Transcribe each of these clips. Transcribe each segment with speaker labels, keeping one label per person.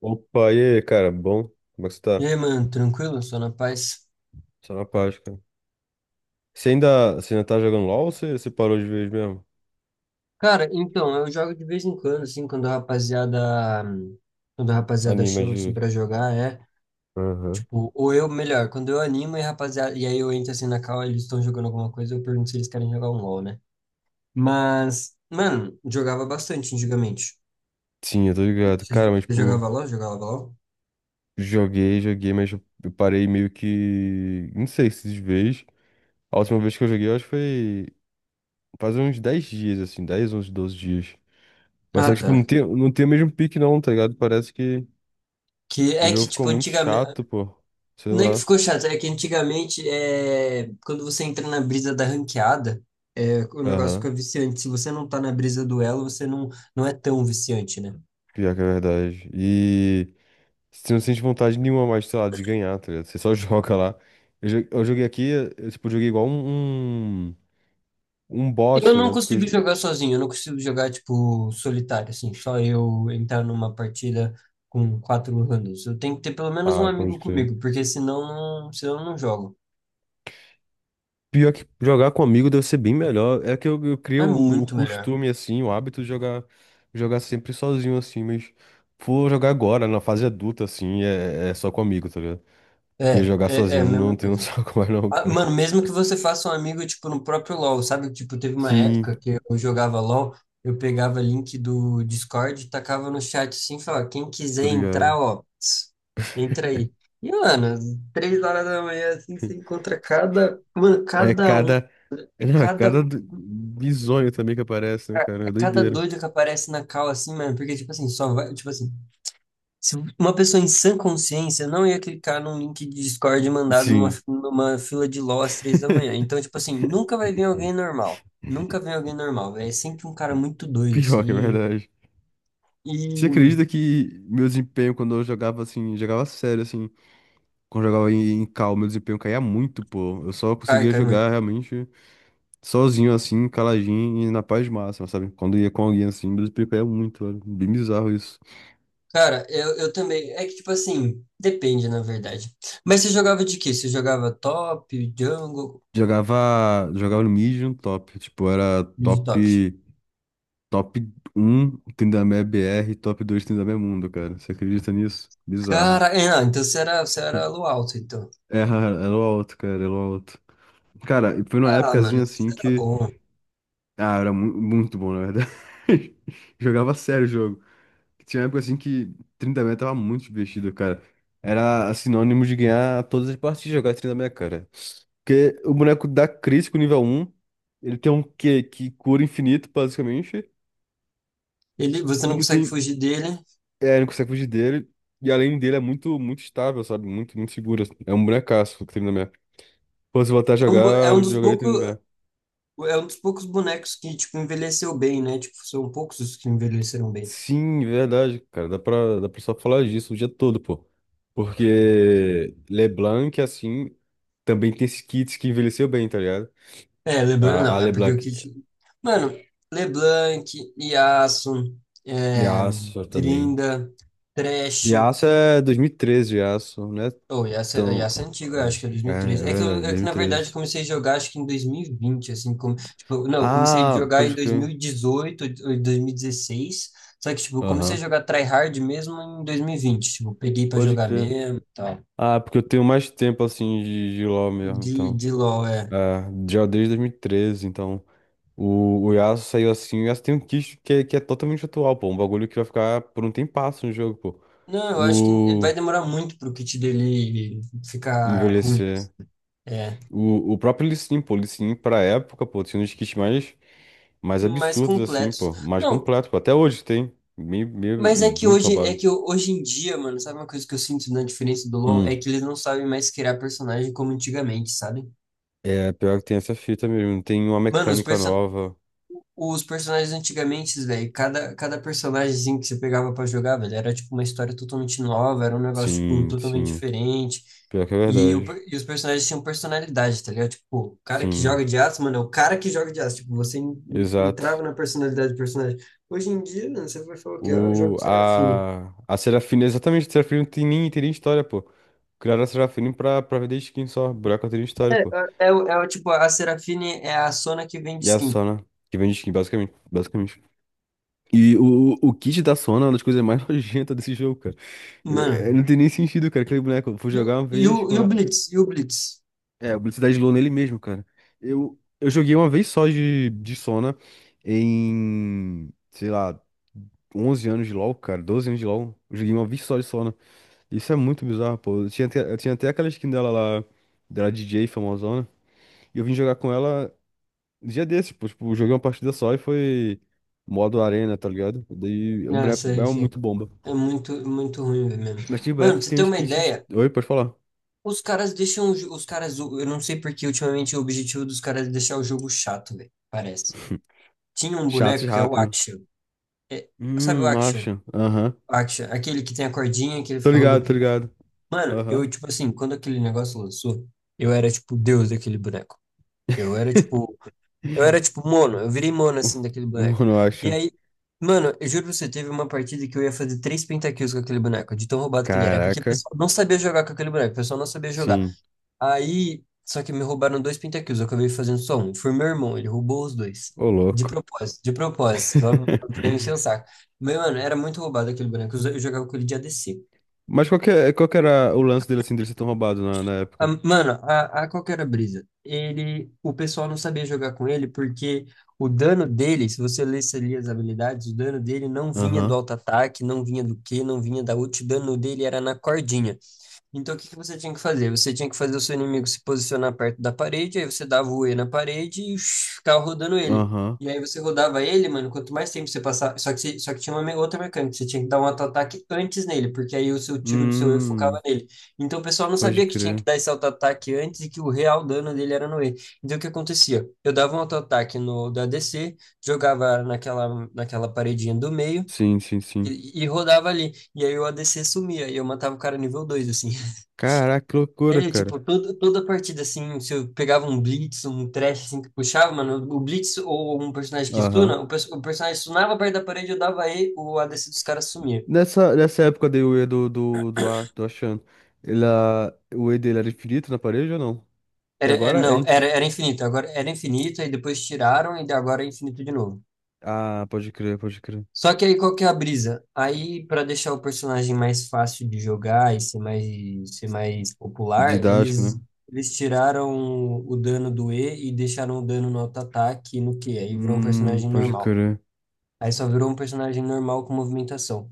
Speaker 1: Opa, e aí, cara, bom? Como é que você
Speaker 2: E
Speaker 1: tá?
Speaker 2: aí, mano, tranquilo? Só na paz?
Speaker 1: Só na paz, cara. Você ainda tá jogando LOL ou você parou de vez mesmo?
Speaker 2: Cara, então, eu jogo de vez em quando, assim, quando a rapaziada
Speaker 1: Anima
Speaker 2: chama, assim,
Speaker 1: de.
Speaker 2: pra jogar, é,
Speaker 1: Aham.
Speaker 2: tipo, quando eu animo e a rapaziada, e aí eu entro, assim, na call, eles estão jogando alguma coisa, eu pergunto se eles querem jogar um LoL, né? Mas, mano, jogava bastante antigamente.
Speaker 1: Sim, eu tô ligado.
Speaker 2: Você
Speaker 1: Cara, mas,
Speaker 2: você
Speaker 1: tipo,
Speaker 2: jogava LoL? Jogava LoL?
Speaker 1: joguei, mas eu parei meio que. Não sei se de vez. A última vez que eu joguei, eu acho que foi faz uns 10 dias, assim, 10 11, 12 dias. Mas só
Speaker 2: Ah,
Speaker 1: que, tipo, não
Speaker 2: tá.
Speaker 1: tem, não tem o mesmo pique, não, tá ligado? Parece que
Speaker 2: Que
Speaker 1: o
Speaker 2: é
Speaker 1: jogo
Speaker 2: que,
Speaker 1: ficou
Speaker 2: tipo,
Speaker 1: muito
Speaker 2: antigamente.
Speaker 1: chato, pô. Sei
Speaker 2: Não é que
Speaker 1: lá.
Speaker 2: ficou chato, é que antigamente, é, quando você entra na brisa da ranqueada, é, o negócio
Speaker 1: Aham.
Speaker 2: fica viciante. Se você não tá na brisa do elo, você não é tão viciante, né?
Speaker 1: Pior que é verdade. E. Você não sente vontade nenhuma mais, sei lá, de ganhar, tá ligado? Você só joga lá. Eu joguei aqui, eu, tipo, joguei igual um bot,
Speaker 2: Eu
Speaker 1: tá
Speaker 2: não
Speaker 1: ligado? Fico.
Speaker 2: consigo jogar sozinho, eu não consigo jogar, tipo, solitário, assim, só eu entrar numa partida com quatro randoms. Eu tenho que ter pelo menos um
Speaker 1: Ah, pode
Speaker 2: amigo
Speaker 1: crer.
Speaker 2: comigo, porque senão, senão eu não jogo.
Speaker 1: Pior que jogar com amigo deve ser bem melhor. É que eu
Speaker 2: Mas
Speaker 1: crio
Speaker 2: é
Speaker 1: o
Speaker 2: muito melhor.
Speaker 1: costume, assim, o hábito de jogar sempre sozinho, assim, mas for jogar agora, na fase adulta, assim, é só com amigo, tá ligado? Porque jogar
Speaker 2: É
Speaker 1: sozinho
Speaker 2: a
Speaker 1: não
Speaker 2: mesma
Speaker 1: tem um
Speaker 2: coisa.
Speaker 1: saco mais não,
Speaker 2: Ah,
Speaker 1: cara.
Speaker 2: mano, mesmo que você faça um amigo, tipo, no próprio LoL, sabe? Tipo, teve uma
Speaker 1: Sim,
Speaker 2: época que eu jogava LoL, eu pegava link do Discord, e tacava no chat assim, e falava, quem
Speaker 1: tô
Speaker 2: quiser entrar,
Speaker 1: ligado.
Speaker 2: ó, ps, entra aí. E, mano, às três horas da manhã, assim, você encontra cada, mano,
Speaker 1: É
Speaker 2: cada um,
Speaker 1: cada. Não, é
Speaker 2: cada,
Speaker 1: cada bizonho também que aparece, né, cara? É
Speaker 2: cada
Speaker 1: doideira.
Speaker 2: doido que aparece na call, assim, mano, porque, tipo assim, só vai, tipo assim, se uma pessoa em sã consciência não ia clicar num link de Discord mandado
Speaker 1: Sim.
Speaker 2: numa fila de LOL às três da manhã. Então, tipo assim, nunca vai vir alguém normal. Nunca vem alguém normal, velho. É sempre um cara muito doido,
Speaker 1: Pior que é
Speaker 2: assim.
Speaker 1: verdade. Você
Speaker 2: E.
Speaker 1: acredita que meu desempenho quando eu jogava assim, jogava sério, assim, quando eu jogava em cal, meu desempenho caía muito, pô. Eu só
Speaker 2: Ai,
Speaker 1: conseguia
Speaker 2: cai
Speaker 1: jogar
Speaker 2: muito.
Speaker 1: realmente sozinho, assim, caladinho e na paz máxima, sabe? Quando ia com alguém assim, meu desempenho caía muito, velho. Bem bizarro isso.
Speaker 2: Cara, eu também. É que, tipo assim, depende, na verdade. Mas você jogava de quê? Você jogava top, jungle,
Speaker 1: Jogava no mid e no top, tipo, era
Speaker 2: mid top?
Speaker 1: top. Top um, Trindamé BR, top 2 Trindamé Mundo, cara. Você acredita nisso?
Speaker 2: Cara,
Speaker 1: Bizarro.
Speaker 2: é, não, então você era elo alto, então.
Speaker 1: É, era o alto, cara, era o alto. Cara, e foi numa
Speaker 2: Ah,
Speaker 1: épocazinha
Speaker 2: mano, você
Speaker 1: assim
Speaker 2: era
Speaker 1: que.
Speaker 2: bom.
Speaker 1: Ah, era muito bom, na verdade. Jogava sério o jogo. Tinha uma época assim que 30 mega tava muito divertido, cara. Era sinônimo de ganhar todas as partidas jogar 30 mega, cara. Porque o boneco dá crítico nível um, ele tem um Q que cura infinito, basicamente.
Speaker 2: Ele, você
Speaker 1: E
Speaker 2: não
Speaker 1: não
Speaker 2: consegue
Speaker 1: tem.
Speaker 2: fugir dele.
Speaker 1: É, não consegue fugir dele. E além dele é muito, muito estável, sabe? Muito, muito seguro, assim. É um bonecaço o 30. Pô, se voltar a
Speaker 2: É
Speaker 1: jogar,
Speaker 2: um
Speaker 1: eu
Speaker 2: dos
Speaker 1: jogaria
Speaker 2: poucos.
Speaker 1: 30.
Speaker 2: É um dos poucos bonecos que, tipo, envelheceu bem, né? Tipo, são poucos os que envelheceram bem.
Speaker 1: Sim, verdade, cara. Dá pra só falar disso o dia todo, pô. Porque LeBlanc, assim, também tem esses kits que envelheceu bem, tá ligado?
Speaker 2: É, LeBlanc
Speaker 1: A
Speaker 2: não, é porque o
Speaker 1: LeBlanc.
Speaker 2: Kit. Mano, LeBlanc, Yasuo,
Speaker 1: E a
Speaker 2: é,
Speaker 1: Yasuo também.
Speaker 2: Trinda, Thresh.
Speaker 1: E a Yasuo é 2013, Yasuo, né?
Speaker 2: Oh, Yasuo,
Speaker 1: Então.
Speaker 2: Yasuo é antigo, eu acho que é
Speaker 1: É, é
Speaker 2: 2013. É que,
Speaker 1: verdade,
Speaker 2: na verdade, eu
Speaker 1: 2013.
Speaker 2: comecei a jogar, acho que em 2020, assim, como, tipo, não, eu comecei a
Speaker 1: Ah,
Speaker 2: jogar em
Speaker 1: pode crer.
Speaker 2: 2018, ou em 2016, só que, tipo, eu comecei a
Speaker 1: Aham,
Speaker 2: jogar tryhard mesmo em 2020, tipo, peguei pra
Speaker 1: pode
Speaker 2: jogar
Speaker 1: crer.
Speaker 2: mesmo e tal.
Speaker 1: Ah, porque eu tenho mais tempo assim de LoL mesmo, então.
Speaker 2: De LoL, é.
Speaker 1: É, já desde dois mil e treze, então. O Yasuo saiu assim, o Yasuo tem um kit que é totalmente atual, pô. Um bagulho que vai ficar por um tempasso no jogo, pô.
Speaker 2: Não, eu acho que
Speaker 1: O
Speaker 2: vai demorar muito para o kit dele ficar ruim.
Speaker 1: envelhecer.
Speaker 2: É,
Speaker 1: O próprio Lee Sin, pô. Lee Sin, pra época, pô, tinha um dos kits mais
Speaker 2: mais
Speaker 1: absurdos, assim,
Speaker 2: completos.
Speaker 1: pô. Mais
Speaker 2: Não,
Speaker 1: completo, pô. Até hoje tem. Meio,
Speaker 2: mas é que
Speaker 1: muito
Speaker 2: hoje,
Speaker 1: roubado.
Speaker 2: hoje em dia, mano, sabe uma coisa que eu sinto na diferença do LoL? É
Speaker 1: Hum.
Speaker 2: que eles não sabem mais criar personagem como antigamente, sabe?
Speaker 1: É, pior que tem essa fita mesmo. Tem uma
Speaker 2: Mano, os,
Speaker 1: mecânica
Speaker 2: perso
Speaker 1: nova.
Speaker 2: Os personagens antigamente, velho, cada personagemzinho que você pegava pra jogar, velho, era tipo uma história totalmente nova, era um negócio, tipo,
Speaker 1: Sim,
Speaker 2: totalmente
Speaker 1: sim.
Speaker 2: diferente.
Speaker 1: Pior que é verdade.
Speaker 2: E os personagens tinham personalidade, tá ligado? Tipo, o cara que
Speaker 1: Sim,
Speaker 2: joga de aço, mano, é o cara que joga de aço. Tipo, você
Speaker 1: exato.
Speaker 2: entrava na personalidade do personagem. Hoje em dia, mano, você vai falar o quê? Ah, eu jogo
Speaker 1: O,
Speaker 2: de Serafine.
Speaker 1: a, a Serafina, exatamente, a Serafina não tem nem, história, pô. Criaram a Serafina pra vender skin só. Buraco não tem nem história, pô.
Speaker 2: É, a Serafine é a Sona que vende
Speaker 1: E a
Speaker 2: skin.
Speaker 1: Sona, que vende skin, basicamente. Basicamente. E o kit da Sona é uma das coisas mais nojentas desse jogo, cara. É,
Speaker 2: Mano,
Speaker 1: não tem nem sentido, cara. Aquele boneco, eu fui jogar uma vez
Speaker 2: e
Speaker 1: com
Speaker 2: o
Speaker 1: ela.
Speaker 2: Blitz? E o Blitz?
Speaker 1: É, o Blitzkrieg Low nele mesmo, cara. Eu joguei uma vez só de Sona em, sei lá, 11 anos de LoL, cara, 12 anos de LoL. Eu joguei uma vez só de Sona. Isso é muito bizarro, pô. Eu tinha até aquela skin dela lá, dela DJ famosona. E eu vim jogar com ela um dia desses, pô. Tipo, joguei uma partida só e foi modo arena, tá ligado? Daí o
Speaker 2: Nossa,
Speaker 1: boneco é muito bomba.
Speaker 2: é muito, muito ruim mesmo.
Speaker 1: Mas tem
Speaker 2: Mano,
Speaker 1: boneco
Speaker 2: pra
Speaker 1: que
Speaker 2: você
Speaker 1: tem
Speaker 2: ter
Speaker 1: uns
Speaker 2: uma
Speaker 1: kits.
Speaker 2: ideia,
Speaker 1: Oi, pode falar.
Speaker 2: os caras deixam, os caras, eu não sei porque ultimamente o objetivo dos caras é deixar o jogo chato, velho, parece. Tinha um
Speaker 1: Chatos
Speaker 2: boneco que é o
Speaker 1: rápido.
Speaker 2: Aksha. É, sabe o Aksha?
Speaker 1: Acha. Aham.
Speaker 2: O Aksha, aquele que tem a cordinha, que ele
Speaker 1: Tô
Speaker 2: fica
Speaker 1: ligado, tô
Speaker 2: rodopiando.
Speaker 1: ligado.
Speaker 2: Mano,
Speaker 1: Aham.
Speaker 2: eu, tipo assim, quando aquele negócio lançou, eu era, tipo, Deus daquele boneco. Eu era, tipo, Eu era tipo mono, eu virei mono assim daquele boneco.
Speaker 1: Mano, eu
Speaker 2: E
Speaker 1: acho.
Speaker 2: aí, mano, eu juro pra você, teve uma partida que eu ia fazer três pentakills com aquele boneco, de tão roubado que ele era. É porque o
Speaker 1: Caraca,
Speaker 2: pessoal não sabia jogar com aquele boneco, o pessoal não sabia jogar.
Speaker 1: sim.
Speaker 2: Aí, só que me roubaram dois pentakills, eu acabei fazendo só um. Foi meu irmão, ele roubou os dois.
Speaker 1: Ô, louco.
Speaker 2: De propósito, só pra encher o saco. Mas, mano, era muito roubado aquele boneco, eu jogava com ele de ADC.
Speaker 1: Mas qual que era o lance dele assim, dele ser tão roubado na época?
Speaker 2: Mano, a qual que era a brisa? Ele, o pessoal não sabia jogar com ele porque o dano dele, se você lesse ali as habilidades, o dano dele não vinha do
Speaker 1: Aham,
Speaker 2: auto-ataque, não vinha do Q, não vinha da ult, o dano dele era na cordinha. Então, o que que você tinha que fazer? Você tinha que fazer o seu inimigo se posicionar perto da parede, aí você dava o E na parede e shh, ficava rodando ele.
Speaker 1: aham.
Speaker 2: E aí você rodava ele, mano, quanto mais tempo você passar. Só que, só que tinha uma outra mecânica, você tinha que dar um auto-ataque antes nele, porque aí o seu tiro do seu E focava
Speaker 1: Hum,
Speaker 2: nele. Então o pessoal não
Speaker 1: pode
Speaker 2: sabia que tinha que
Speaker 1: crer.
Speaker 2: dar esse auto-ataque antes e que o real dano dele era no E. Então o que acontecia? Eu dava um auto-ataque no da ADC, jogava naquela, naquela paredinha do meio.
Speaker 1: Sim, sim, sim.
Speaker 2: E rodava ali. E aí o ADC sumia. E eu matava o cara nível 2 assim.
Speaker 1: Caraca, que loucura,
Speaker 2: É,
Speaker 1: cara.
Speaker 2: tipo, toda partida, assim, se eu pegava um Blitz, um Thresh, assim, que puxava, mano, o Blitz ou um personagem que
Speaker 1: Aham.
Speaker 2: stuna, o personagem stunava perto da parede, eu dava E, o ADC dos caras sumia.
Speaker 1: Nessa época daí o E do Achan, o E dele era infinito na parede ou não? Que
Speaker 2: Era, é,
Speaker 1: agora é
Speaker 2: não, era,
Speaker 1: infinito.
Speaker 2: era infinito, agora era infinito, aí depois tiraram e agora é infinito de novo.
Speaker 1: Ah, pode crer, pode crer.
Speaker 2: Só que aí qual que é a brisa? Aí, pra deixar o personagem mais fácil de jogar e ser mais popular,
Speaker 1: Didático, né?
Speaker 2: eles tiraram o dano do E e deixaram o dano no auto-ataque e no Q, aí virou um personagem
Speaker 1: Pode
Speaker 2: normal.
Speaker 1: crer.
Speaker 2: Aí só virou um personagem normal com movimentação.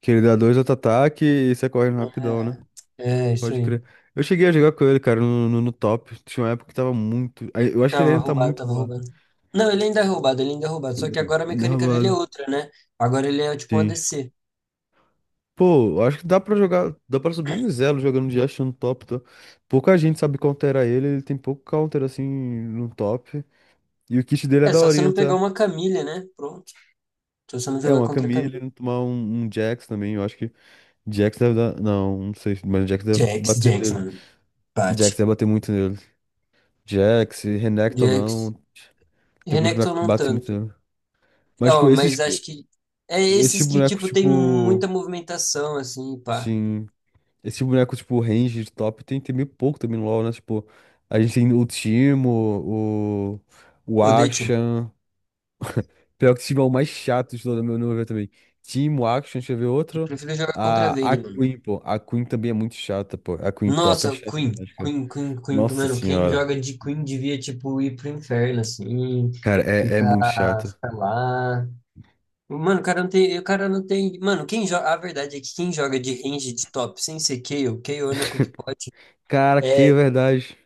Speaker 1: Que ele dá dois auto-ataque e sai correndo rapidão, né?
Speaker 2: É, é isso
Speaker 1: Pode
Speaker 2: aí.
Speaker 1: crer. Eu cheguei a jogar com ele, cara, no top. Tinha uma época que tava muito. Aí, eu acho que ele
Speaker 2: Tava
Speaker 1: ainda tá
Speaker 2: roubado,
Speaker 1: muito
Speaker 2: tava
Speaker 1: roubado.
Speaker 2: roubando. Não, ele ainda é roubado, ele ainda é roubado. Só que agora a
Speaker 1: Ainda é
Speaker 2: mecânica dele é
Speaker 1: roubado.
Speaker 2: outra, né? Agora ele é tipo um
Speaker 1: Sim.
Speaker 2: ADC.
Speaker 1: Pô, eu acho que dá pra jogar. Dá pra subir um zelo jogando de Ashe no top, tá? Pouca gente sabe counterar ele, ele tem pouco counter assim no top. E o kit dele é
Speaker 2: É, só você
Speaker 1: daorinha,
Speaker 2: não pegar
Speaker 1: tá?
Speaker 2: uma Camille, né? Pronto. Só você não
Speaker 1: É
Speaker 2: jogar
Speaker 1: uma
Speaker 2: contra a Camille.
Speaker 1: Camille, tomar um, Jax também. Eu acho que Jax deve dar. Não, não sei, mas Jax deve bater
Speaker 2: Jax,
Speaker 1: nele.
Speaker 2: mano. Bate.
Speaker 1: Jax deve bater muito nele. Jax, Renekton não.
Speaker 2: Jax.
Speaker 1: Tem alguns
Speaker 2: Renekton
Speaker 1: bonecos que
Speaker 2: não
Speaker 1: batem muito
Speaker 2: tanto.
Speaker 1: nele. Mas, tipo,
Speaker 2: Ó,
Speaker 1: esses,
Speaker 2: mas acho que é
Speaker 1: esses
Speaker 2: esses que,
Speaker 1: bonecos,
Speaker 2: tipo, tem
Speaker 1: tipo.
Speaker 2: muita movimentação, assim, pá.
Speaker 1: Sim. Esse boneco, tipo, range de top tem meio pouco também no LoL, né? Tipo, a gente tem o Timo, o. O
Speaker 2: Odeio, time.
Speaker 1: Action. Pior que o Timo é o mais chato de todo no meu ver também. Timo, Action, deixa eu ver
Speaker 2: Eu
Speaker 1: outro.
Speaker 2: prefiro jogar contra a
Speaker 1: A
Speaker 2: Vayne, mano.
Speaker 1: Queen, pô. A Queen também é muito chata, pô. A Queen top é
Speaker 2: Nossa,
Speaker 1: chata demais, cara.
Speaker 2: Queen,
Speaker 1: Nossa
Speaker 2: mano, quem
Speaker 1: senhora.
Speaker 2: joga de Queen devia, tipo, ir pro inferno, assim,
Speaker 1: Cara, é
Speaker 2: ficar,
Speaker 1: muito chato.
Speaker 2: ficar lá. Mano, o cara não tem, o cara não tem, mano, quem joga, a verdade é que quem joga de range de top sem ser Kayle, Kayle é o único que pode,
Speaker 1: Cara, que
Speaker 2: é,
Speaker 1: verdade.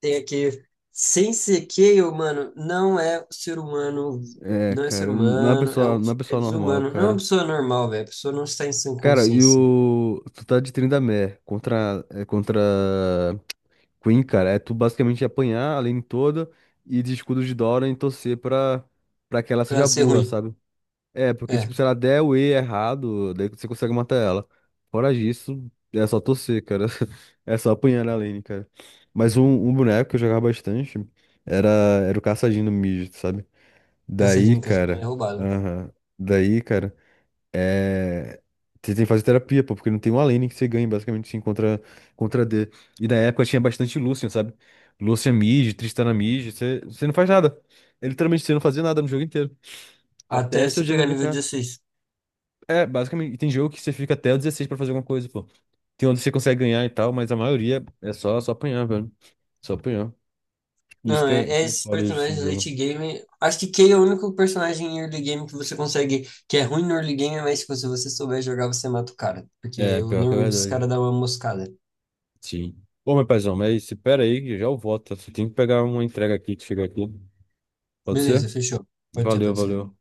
Speaker 2: tem aqui, sem ser Kayle, mano, não é ser humano,
Speaker 1: É,
Speaker 2: não é ser
Speaker 1: cara, não é uma
Speaker 2: humano,
Speaker 1: pessoa, não é uma
Speaker 2: é
Speaker 1: pessoa normal,
Speaker 2: desumano, não é uma
Speaker 1: cara.
Speaker 2: pessoa normal, velho, a pessoa não está em sã
Speaker 1: Cara, e
Speaker 2: consciência,
Speaker 1: o. Tu tá de Trindamere contra Queen, cara. É tu basicamente apanhar a lane toda e de escudo de Dora e torcer pra, que ela
Speaker 2: pra ela
Speaker 1: seja
Speaker 2: ser
Speaker 1: burra,
Speaker 2: ruim,
Speaker 1: sabe? É, porque,
Speaker 2: é,
Speaker 1: tipo, se ela der o E errado, daí você consegue matar ela. Fora disso, é só torcer, cara. É só apanhar na lane, cara. Mas um, boneco que eu jogava bastante era, era o Caçadinho no mid, sabe? Daí,
Speaker 2: caçadinho, é
Speaker 1: cara.
Speaker 2: roubado.
Speaker 1: Aham. Daí, cara, é. Você tem que fazer terapia, pô, porque não tem uma lane que você ganhe, basicamente, sim, contra, D. E na época tinha bastante Lucian, sabe? Lucian mid, Tristana mid, você não faz nada. Ele. Literalmente, você não fazia nada no jogo inteiro. Até
Speaker 2: Até
Speaker 1: seu
Speaker 2: você
Speaker 1: Jhin
Speaker 2: pegar nível
Speaker 1: gankar.
Speaker 2: 16.
Speaker 1: É, basicamente, e tem jogo que você fica até o 16 pra fazer alguma coisa, pô. Tem onde você consegue ganhar e tal, mas a maioria é só, apanhar, velho. Só apanhar. Isso
Speaker 2: Não,
Speaker 1: que
Speaker 2: é,
Speaker 1: é,
Speaker 2: é
Speaker 1: que é
Speaker 2: esses
Speaker 1: foda desse tipo
Speaker 2: personagens
Speaker 1: de
Speaker 2: do late
Speaker 1: jogo.
Speaker 2: game. Acho que Kay é o único personagem em early game que você consegue, que é ruim no early game, mas tipo, se você souber jogar, você mata o cara. Porque
Speaker 1: É,
Speaker 2: eu,
Speaker 1: pior que é
Speaker 2: normalmente os caras
Speaker 1: verdade.
Speaker 2: dão uma moscada.
Speaker 1: Sim. Ô, meu paizão, mas espera aí, que já eu volto, tá? Só tenho que pegar uma entrega aqui que chegou aqui. Pode ser?
Speaker 2: Beleza, fechou. Pode ser,
Speaker 1: Valeu,
Speaker 2: pode ser.
Speaker 1: valeu.